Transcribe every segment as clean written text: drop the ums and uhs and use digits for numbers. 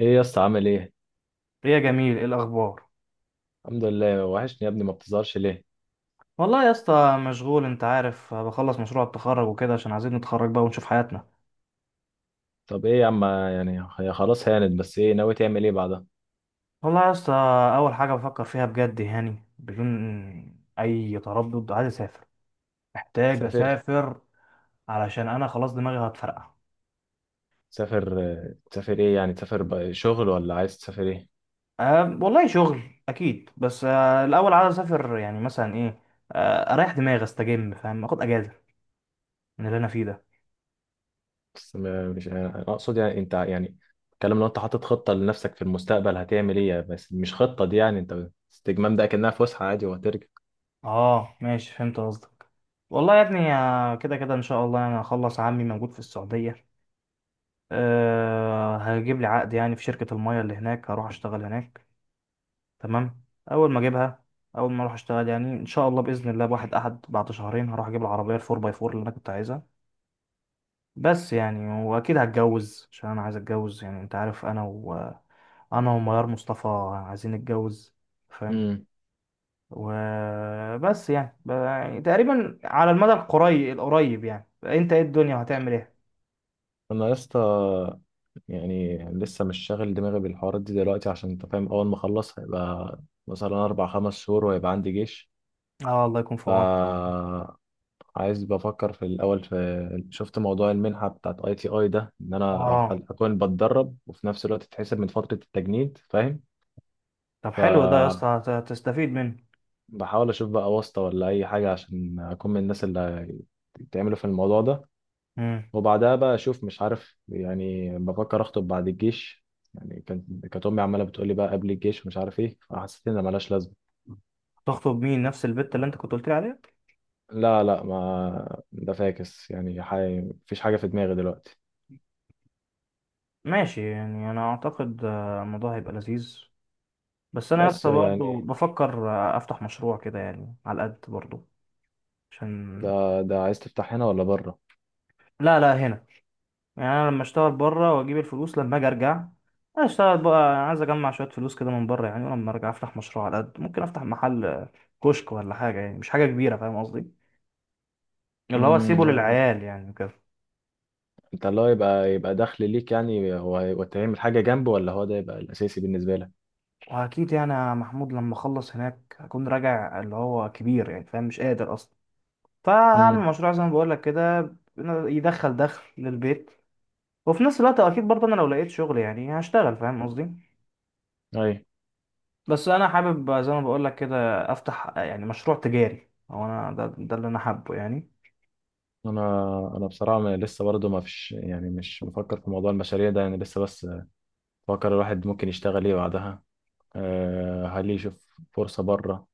ايه يا اسطى؟ عامل ايه؟ يا جميل ايه الاخبار. الحمد لله، وحشني يا ابني، ما بتظهرش ليه؟ والله يا اسطى مشغول، انت عارف بخلص مشروع التخرج وكده عشان عايزين نتخرج بقى ونشوف حياتنا. طب ايه يا عم، يعني هي خلاص هانت، بس ايه ناوي تعمل ايه بعدها؟ والله يا اسطى، اول حاجه بفكر فيها بجد، يعني بدون اي تردد، عايز اسافر. محتاج تسافر؟ اسافر. علشان انا خلاص دماغي هتفرقع. تسافر تسافر ايه يعني؟ تسافر بقى شغل ولا عايز تسافر ايه؟ أه والله شغل اكيد، بس أه الاول عايز اسافر يعني مثلا ايه، أه اريح دماغي استجم، فاهم، اخد اجازه من اللي انا فيه ده. بس ما- مش انا اقصد يعني انت يعني الكلام، لو انت حاطط خطة لنفسك في المستقبل هتعمل ايه؟ بس مش خطة دي، يعني انت استجمام ده كأنها فسحة عادي وهترجع. اه ماشي فهمت قصدك. والله يا ابني، كده كده ان شاء الله انا هخلص، عمي موجود في السعوديه. أه هجيب لي عقد يعني في شركة المية اللي هناك، هروح أشتغل هناك. تمام. أول ما أجيبها، أول ما أروح أشتغل، يعني إن شاء الله بإذن الله بواحد أحد بعد شهرين هروح أجيب العربية الفور باي فور اللي أنا كنت عايزها. بس يعني وأكيد هتجوز عشان أنا عايز أتجوز، يعني أنت عارف أنا و أنا وميار مصطفى عايزين نتجوز، فاهم. امم. وبس يعني يعني تقريبا على المدى القريب القريب، يعني أنت إيه الدنيا هتعمل إيه؟ انا يا اسطى يعني لسه مش شاغل دماغي بالحوارات دي دلوقتي، عشان انت فاهم اول ما اخلص هيبقى مثلا اربع خمس شهور وهيبقى عندي جيش. آه الله يكون في عونك. فا عايز بفكر في الأول، في شفت موضوع المنحة بتاعت اي تي اي ده، إن أنا آه أكون بتدرب وفي نفس الوقت تتحسب من فترة التجنيد، فاهم؟ طب حلو ده يا فبحاول اسطى هتستفيد منه. أشوف بقى واسطة ولا أي حاجة عشان أكون من الناس اللي بتعملوا في الموضوع ده. مم. وبعدها بقى أشوف، مش عارف، يعني بفكر أخطب بعد الجيش. يعني كانت أمي عمالة بتقولي بقى قبل الجيش ومش عارف إيه، فحسيت إن ملهاش لازمة. تخطب مين، نفس البت اللي انت كنت قلت لي عليها؟ لا لا، ما ده فاكس، يعني مفيش حاجة في دماغي دلوقتي. ماشي، يعني انا اعتقد الموضوع هيبقى لذيذ. بس انا يا بس اسطى برضه يعني بفكر افتح مشروع كده يعني على قد برضه عشان. ده ده عايز تفتح هنا ولا بره؟ لا لا هنا. يعني انا لما اشتغل بره واجيب الفلوس، لما اجي ارجع اشتغل بقى. عايز اجمع شويه فلوس كده من بره يعني، ولما ارجع افتح مشروع على قد ممكن، افتح محل كشك ولا حاجه، يعني مش حاجه كبيره، فاهم قصدي. اللي هو اسيبه امم. للعيال يعني وكده. انت اللي هو يبقى يبقى دخل ليك، يعني هو هيبقى تعمل حاجه جنبه، ولا هو ده يبقى الاساسي بالنسبه لك؟ واكيد يعني يا محمود لما اخلص هناك اكون راجع اللي هو كبير يعني، فاهم، مش قادر اصلا. فهعمل امم. مشروع زي ما بقول لك كده يدخل دخل للبيت. وفي نفس الوقت اكيد برضه انا لو لقيت شغل يعني هشتغل، فاهم قصدي. اي. بس انا حابب زي ما بقول لك كده افتح يعني مشروع تجاري، هو انا ده، ده اللي انا حابه يعني. انا انا بصراحه لسه برضه ما فيش يعني، مش مفكر في موضوع المشاريع ده يعني لسه، بس بفكر الواحد ممكن يشتغل ايه بعدها. أه، هل يشوف فرصه بره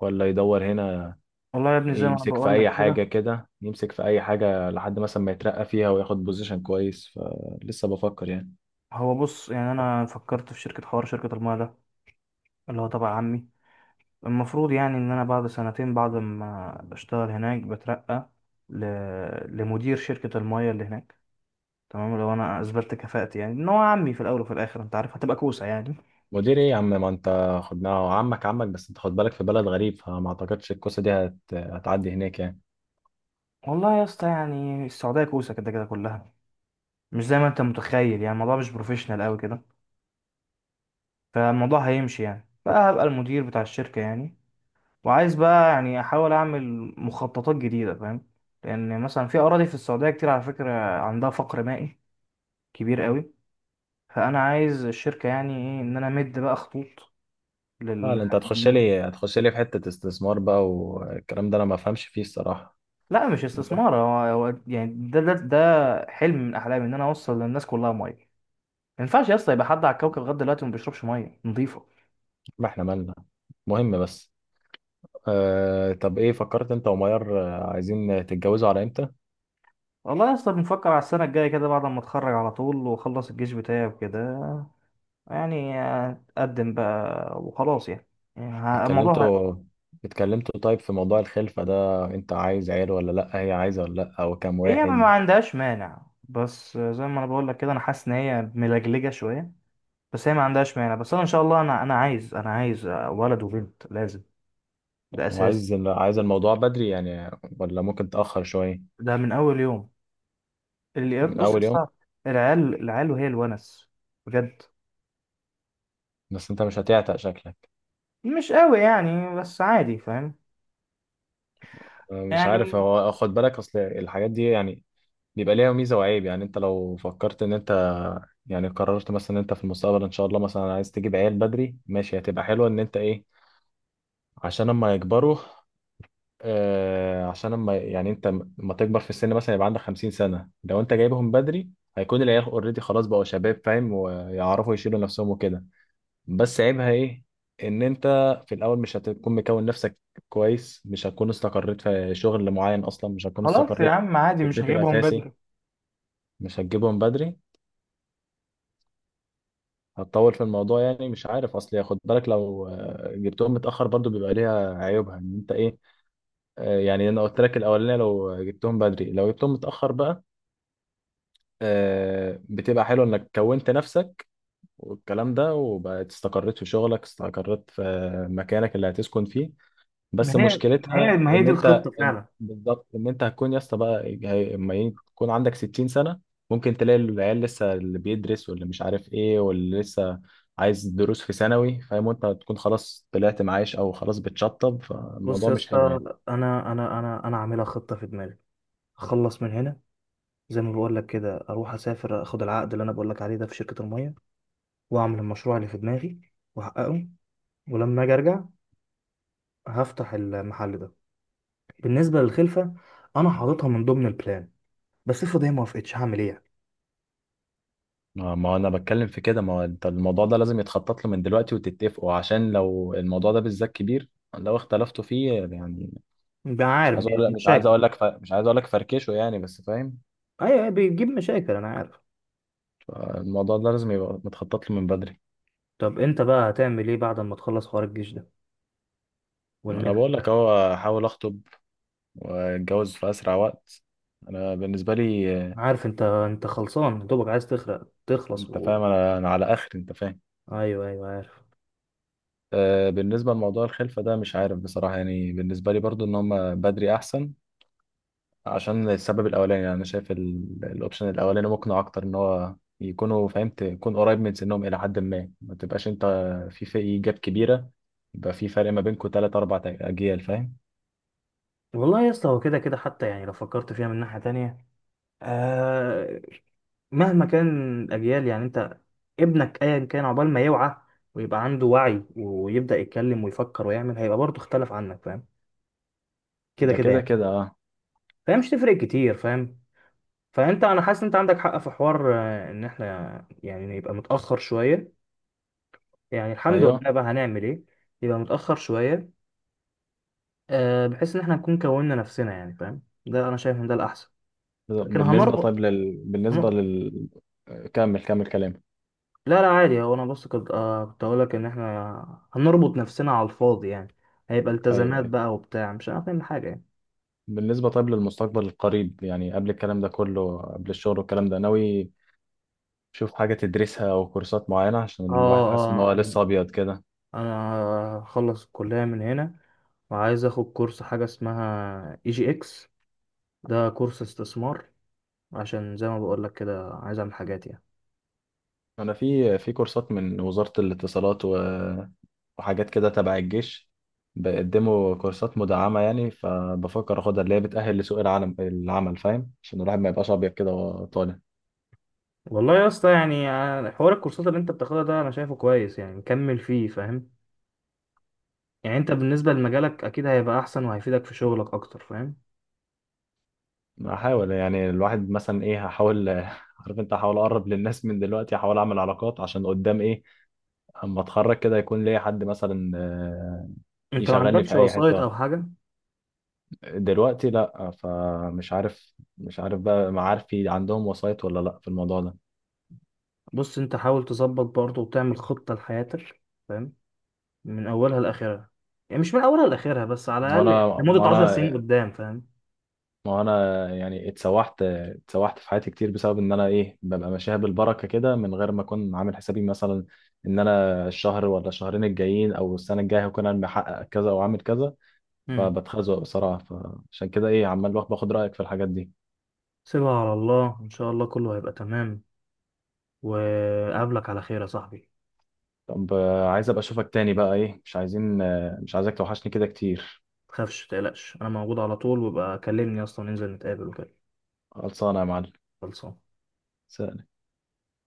ولا يدور هنا. والله يا ابني زي ما انا يمسك في بقول اي لك كده، حاجه كده، يمسك في اي حاجه لحد مثلا ما يترقى فيها وياخد بوزيشن كويس. فلسه بفكر يعني. هو بص يعني انا فكرت في شركة حوار شركة الماء ده، اللي هو تبع عمي. المفروض يعني ان انا بعد سنتين بعد ما اشتغل هناك بترقى ل... لمدير شركة المايه اللي هناك. تمام، لو انا اثبتت كفاءتي، يعني ان هو عمي في الاول وفي الاخر انت عارف هتبقى كوسه يعني. مدير ايه يا عم؟ ما انت خدناه عمك عمك، بس انت خد بالك في بلد غريب، فما اعتقدش الكوسه دي هتعدي هناك يعني. والله يا اسطى يعني السعوديه كوسه كده كده كلها، مش زي ما انت متخيل، يعني الموضوع مش بروفيشنال قوي كده. فالموضوع هيمشي يعني، بقى هبقى المدير بتاع الشركه يعني. وعايز بقى يعني احاول اعمل مخططات جديده، فاهم. لان مثلا في اراضي في السعوديه كتير على فكره، عندها فقر مائي كبير قوي. فانا عايز الشركه يعني ايه، ان انا امد بقى خطوط اه لا، انت هتخش للناس. لي هتخش لي في حته استثمار بقى، والكلام ده انا ما افهمش فيه الصراحه. لا مش المهم، استثمار، هو هو يعني ده ده حلم من احلامي، ان انا اوصل للناس كلها ميه. ما ينفعش يا اسطى يبقى حد على الكوكب لغايه دلوقتي ما بيشربش ميه نظيفه. ما احنا مالنا. مهم بس. آه... طب ايه فكرت انت وميار؟ عايزين تتجوزوا على امتى؟ والله يا اسطى بنفكر على السنه الجايه كده، بعد ما اتخرج على طول واخلص الجيش بتاعي وكده، يعني اتقدم بقى وخلاص يعني. يعني ه- الموضوع ه- اتكلمتوا؟ اتكلمتوا طيب في موضوع الخلفه ده، انت عايز عيل ولا لا؟ هي عايزه ولا لا؟ وكم هي ما واحد؟ عندهاش مانع، بس زي ما انا بقول لك كده انا حاسس ان هي ملجلجه شويه. بس هي ما عندهاش مانع، بس انا ان شاء الله انا عايز، انا عايز ولد وبنت لازم. ده اساس. وعايز، عايز الموضوع بدري يعني ولا ممكن تأخر شويه؟ ده من اول يوم. اللي من بص اول يوم؟ لسه. العيال العيال وهي الونس، بجد. بس انت مش هتعتق شكلك؟ مش قوي يعني بس عادي، فاهم مش عارف يعني. هو، خد بالك اصل الحاجات دي يعني بيبقى ليها ميزه وعيب. يعني انت لو فكرت ان انت يعني قررت مثلا ان انت في المستقبل ان شاء الله مثلا عايز تجيب عيال بدري، ماشي، هتبقى حلوه ان انت ايه، عشان اما يكبروا، آه عشان اما يعني انت لما تكبر في السن مثلا، يبقى عندك 50 سنة سنه لو انت جايبهم بدري، هيكون العيال اوريدي خلاص بقوا شباب، فاهم، ويعرفوا يشيلوا نفسهم وكده. بس عيبها ايه؟ ان انت في الاول مش هتكون مكون نفسك كويس، مش هتكون استقريت في شغل معين، اصلا مش هتكون خلاص يا استقريت عم عادي، في مش البيت هجيبهم الاساسي. بدري. مش هتجيبهم بدري، هتطول في الموضوع يعني. مش عارف اصل، خد بالك لو جبتهم متاخر برضو بيبقى ليها عيوبها ان انت ايه. آه، يعني انا قلت لك الاولانيه لو جبتهم بدري، لو جبتهم متاخر بقى، آه، بتبقى حلو انك كونت نفسك والكلام ده، وبقت استقريت في شغلك، استقريت في مكانك اللي هتسكن فيه. ما بس هي ما هي مشكلتها ما هي ان دي انت، الخطة إن فعلا. بالظبط، ان انت هتكون يا اسطى بقى يكون عندك 60 سنة سنه، ممكن تلاقي العيال لسه اللي بيدرس واللي مش عارف ايه واللي لسه عايز دروس في ثانوي، فاهم، وانت تكون خلاص طلعت معاش او خلاص بتشطب، بص فالموضوع يا مش اسطى، حلو يعني. انا عاملها خطة في دماغي. اخلص من هنا، زي ما بقول لك كده اروح اسافر، اخد العقد اللي انا بقول لك عليه ده في شركة المية، واعمل المشروع اللي في دماغي واحققه. ولما اجي ارجع هفتح المحل ده. بالنسبة للخلفة، انا حاططها من ضمن البلان. بس افرض هي ما وافقتش هعمل ايه يعني؟ ما انا بتكلم في كده، ما هو انت الموضوع ده لازم يتخطط له من دلوقتي وتتفقوا، عشان لو الموضوع ده بالذات كبير لو اختلفتوا فيه يعني. بقى مش عارف عايز اقول بيبقى لك مش عايز مشاكل. اقول لك ف... مش عايز اقول لك فركشه يعني، بس فاهم. ايوه بيجيب مشاكل انا عارف. الموضوع ده لازم يبقى متخطط له من بدري. طب انت بقى هتعمل ايه بعد ما تخلص حوار الجيش ده ما انا والمنح؟ بقول لك اهو، احاول اخطب واتجوز في اسرع وقت. انا بالنسبه لي آه، أنا عارف، انت انت خلصان دوبك عايز تخلص انت و... فاهم انا، انا على اخر، انت فاهم. ايوه ايوه عارف. آه، بالنسبه لموضوع الخلفه ده مش عارف بصراحه، يعني بالنسبه لي برضو ان هم بدري احسن، عشان السبب الاولاني، يعني انا شايف الاوبشن الاولاني مقنع اكتر، ان هو يكونوا فهمت يكون قريب من سنهم الى حد ما، ما تبقاش انت في جاب كبيره، يبقى في فرق ما بينكم 3 4 اجيال، فاهم. والله يا اسطى هو كده كده حتى، يعني لو فكرت فيها من ناحية تانية، آه، مهما كان الاجيال يعني، انت ابنك ايا كان عقبال ما يوعى ويبقى عنده وعي ويبدأ يتكلم ويفكر ويعمل هيبقى برضه اختلف عنك، فاهم، كده ده كده كده يعني. كده اه. فهي مش تفرق كتير، فاهم. فانت انا حاسس إن انت عندك حق في حوار ان احنا يعني نبقى متاخر شويه. يعني الحمد لله ايوه. بقى هنعمل ايه، يبقى متاخر شويه، بحيث ان احنا نكون كوننا نفسنا يعني، فاهم، ده انا شايف ان ده الاحسن. لكن بالنسبة هنربط طيب بالنسبة هن- لل كمل كمل كلام. لا لا عادي، هو انا بس كنت كنت اقول لك ان احنا هنربط نفسنا على الفاضي يعني، هيبقى أيوه التزامات أيوه، بقى وبتاع، مش هنعمل حاجه يعني. بالنسبة طيب للمستقبل القريب يعني، قبل الكلام ده كله، قبل الشغل والكلام ده، ناوي تشوف حاجة تدرسها أو كورسات معينة؟ عشان الواحد اه حاسس إن هو اه انا، لسه أبيض كده. أنا هخلص الكليه من هنا، وعايز اخد كورس حاجه اسمها اي جي اكس، ده كورس استثمار، عشان زي ما بقول لك كده عايز اعمل حاجات يعني. أنا في كورسات من وزارة الاتصالات و... وحاجات كده تبع الجيش، بيقدموا كورسات مدعمة يعني، فبفكر أخدها، اللي هي بتأهل لسوق العالم العمل، فاهم، عشان الواحد ما يبقاش أبيض كده وهو طالع. والله يا اسطى يعني حوار الكورسات اللي انت بتاخدها ده انا شايفه كويس، يعني مكمل فيه، فاهم. يعني انت بالنسبه لمجالك اكيد هيبقى احسن وهيفيدك في شغلك اكتر، فاهم. هحاول يعني الواحد مثلا ايه، هحاول عارف انت، هحاول اقرب للناس من دلوقتي، هحاول اعمل علاقات عشان قدام ايه، اما اتخرج كده يكون ليا حد مثلا آه، انت ما يشغلني عندكش في اي وسايط حتة. او حاجه؟ دلوقتي لا، فمش عارف، مش عارف بقى معارفي عندهم وسايط ولا لا في الموضوع ده. بص انت حاول تظبط برضه وتعمل خطه لحياتك، فاهم، من اولها لاخرها، يعني مش من اولها لاخرها بس، على الاقل يعني وانا ما لمده 10 انا سنين قدام، فاهم. ما انا يعني اتسوحت في حياتي كتير بسبب ان انا ايه، ببقى ماشيها بالبركة كده من غير ما اكون عامل حسابي مثلا ان انا الشهر ولا الشهرين الجايين او السنة الجاية هكون انا محقق كذا او عامل كذا. مم. فبتخزق بصراحة، فعشان كده ايه عمال باخد رأيك في الحاجات دي. سيبها على الله، ان شاء الله كله هيبقى تمام. وقابلك على خير يا صاحبي. طب آه، عايز ابقى اشوفك تاني بقى ايه، مش عايزين آه، مش عايزك توحشني كده كتير. تخافش متقلقش انا موجود على طول، وبقى كلمني اصلا ننزل نتقابل وكده. خلصانة يا معلم. خلصان. سلام.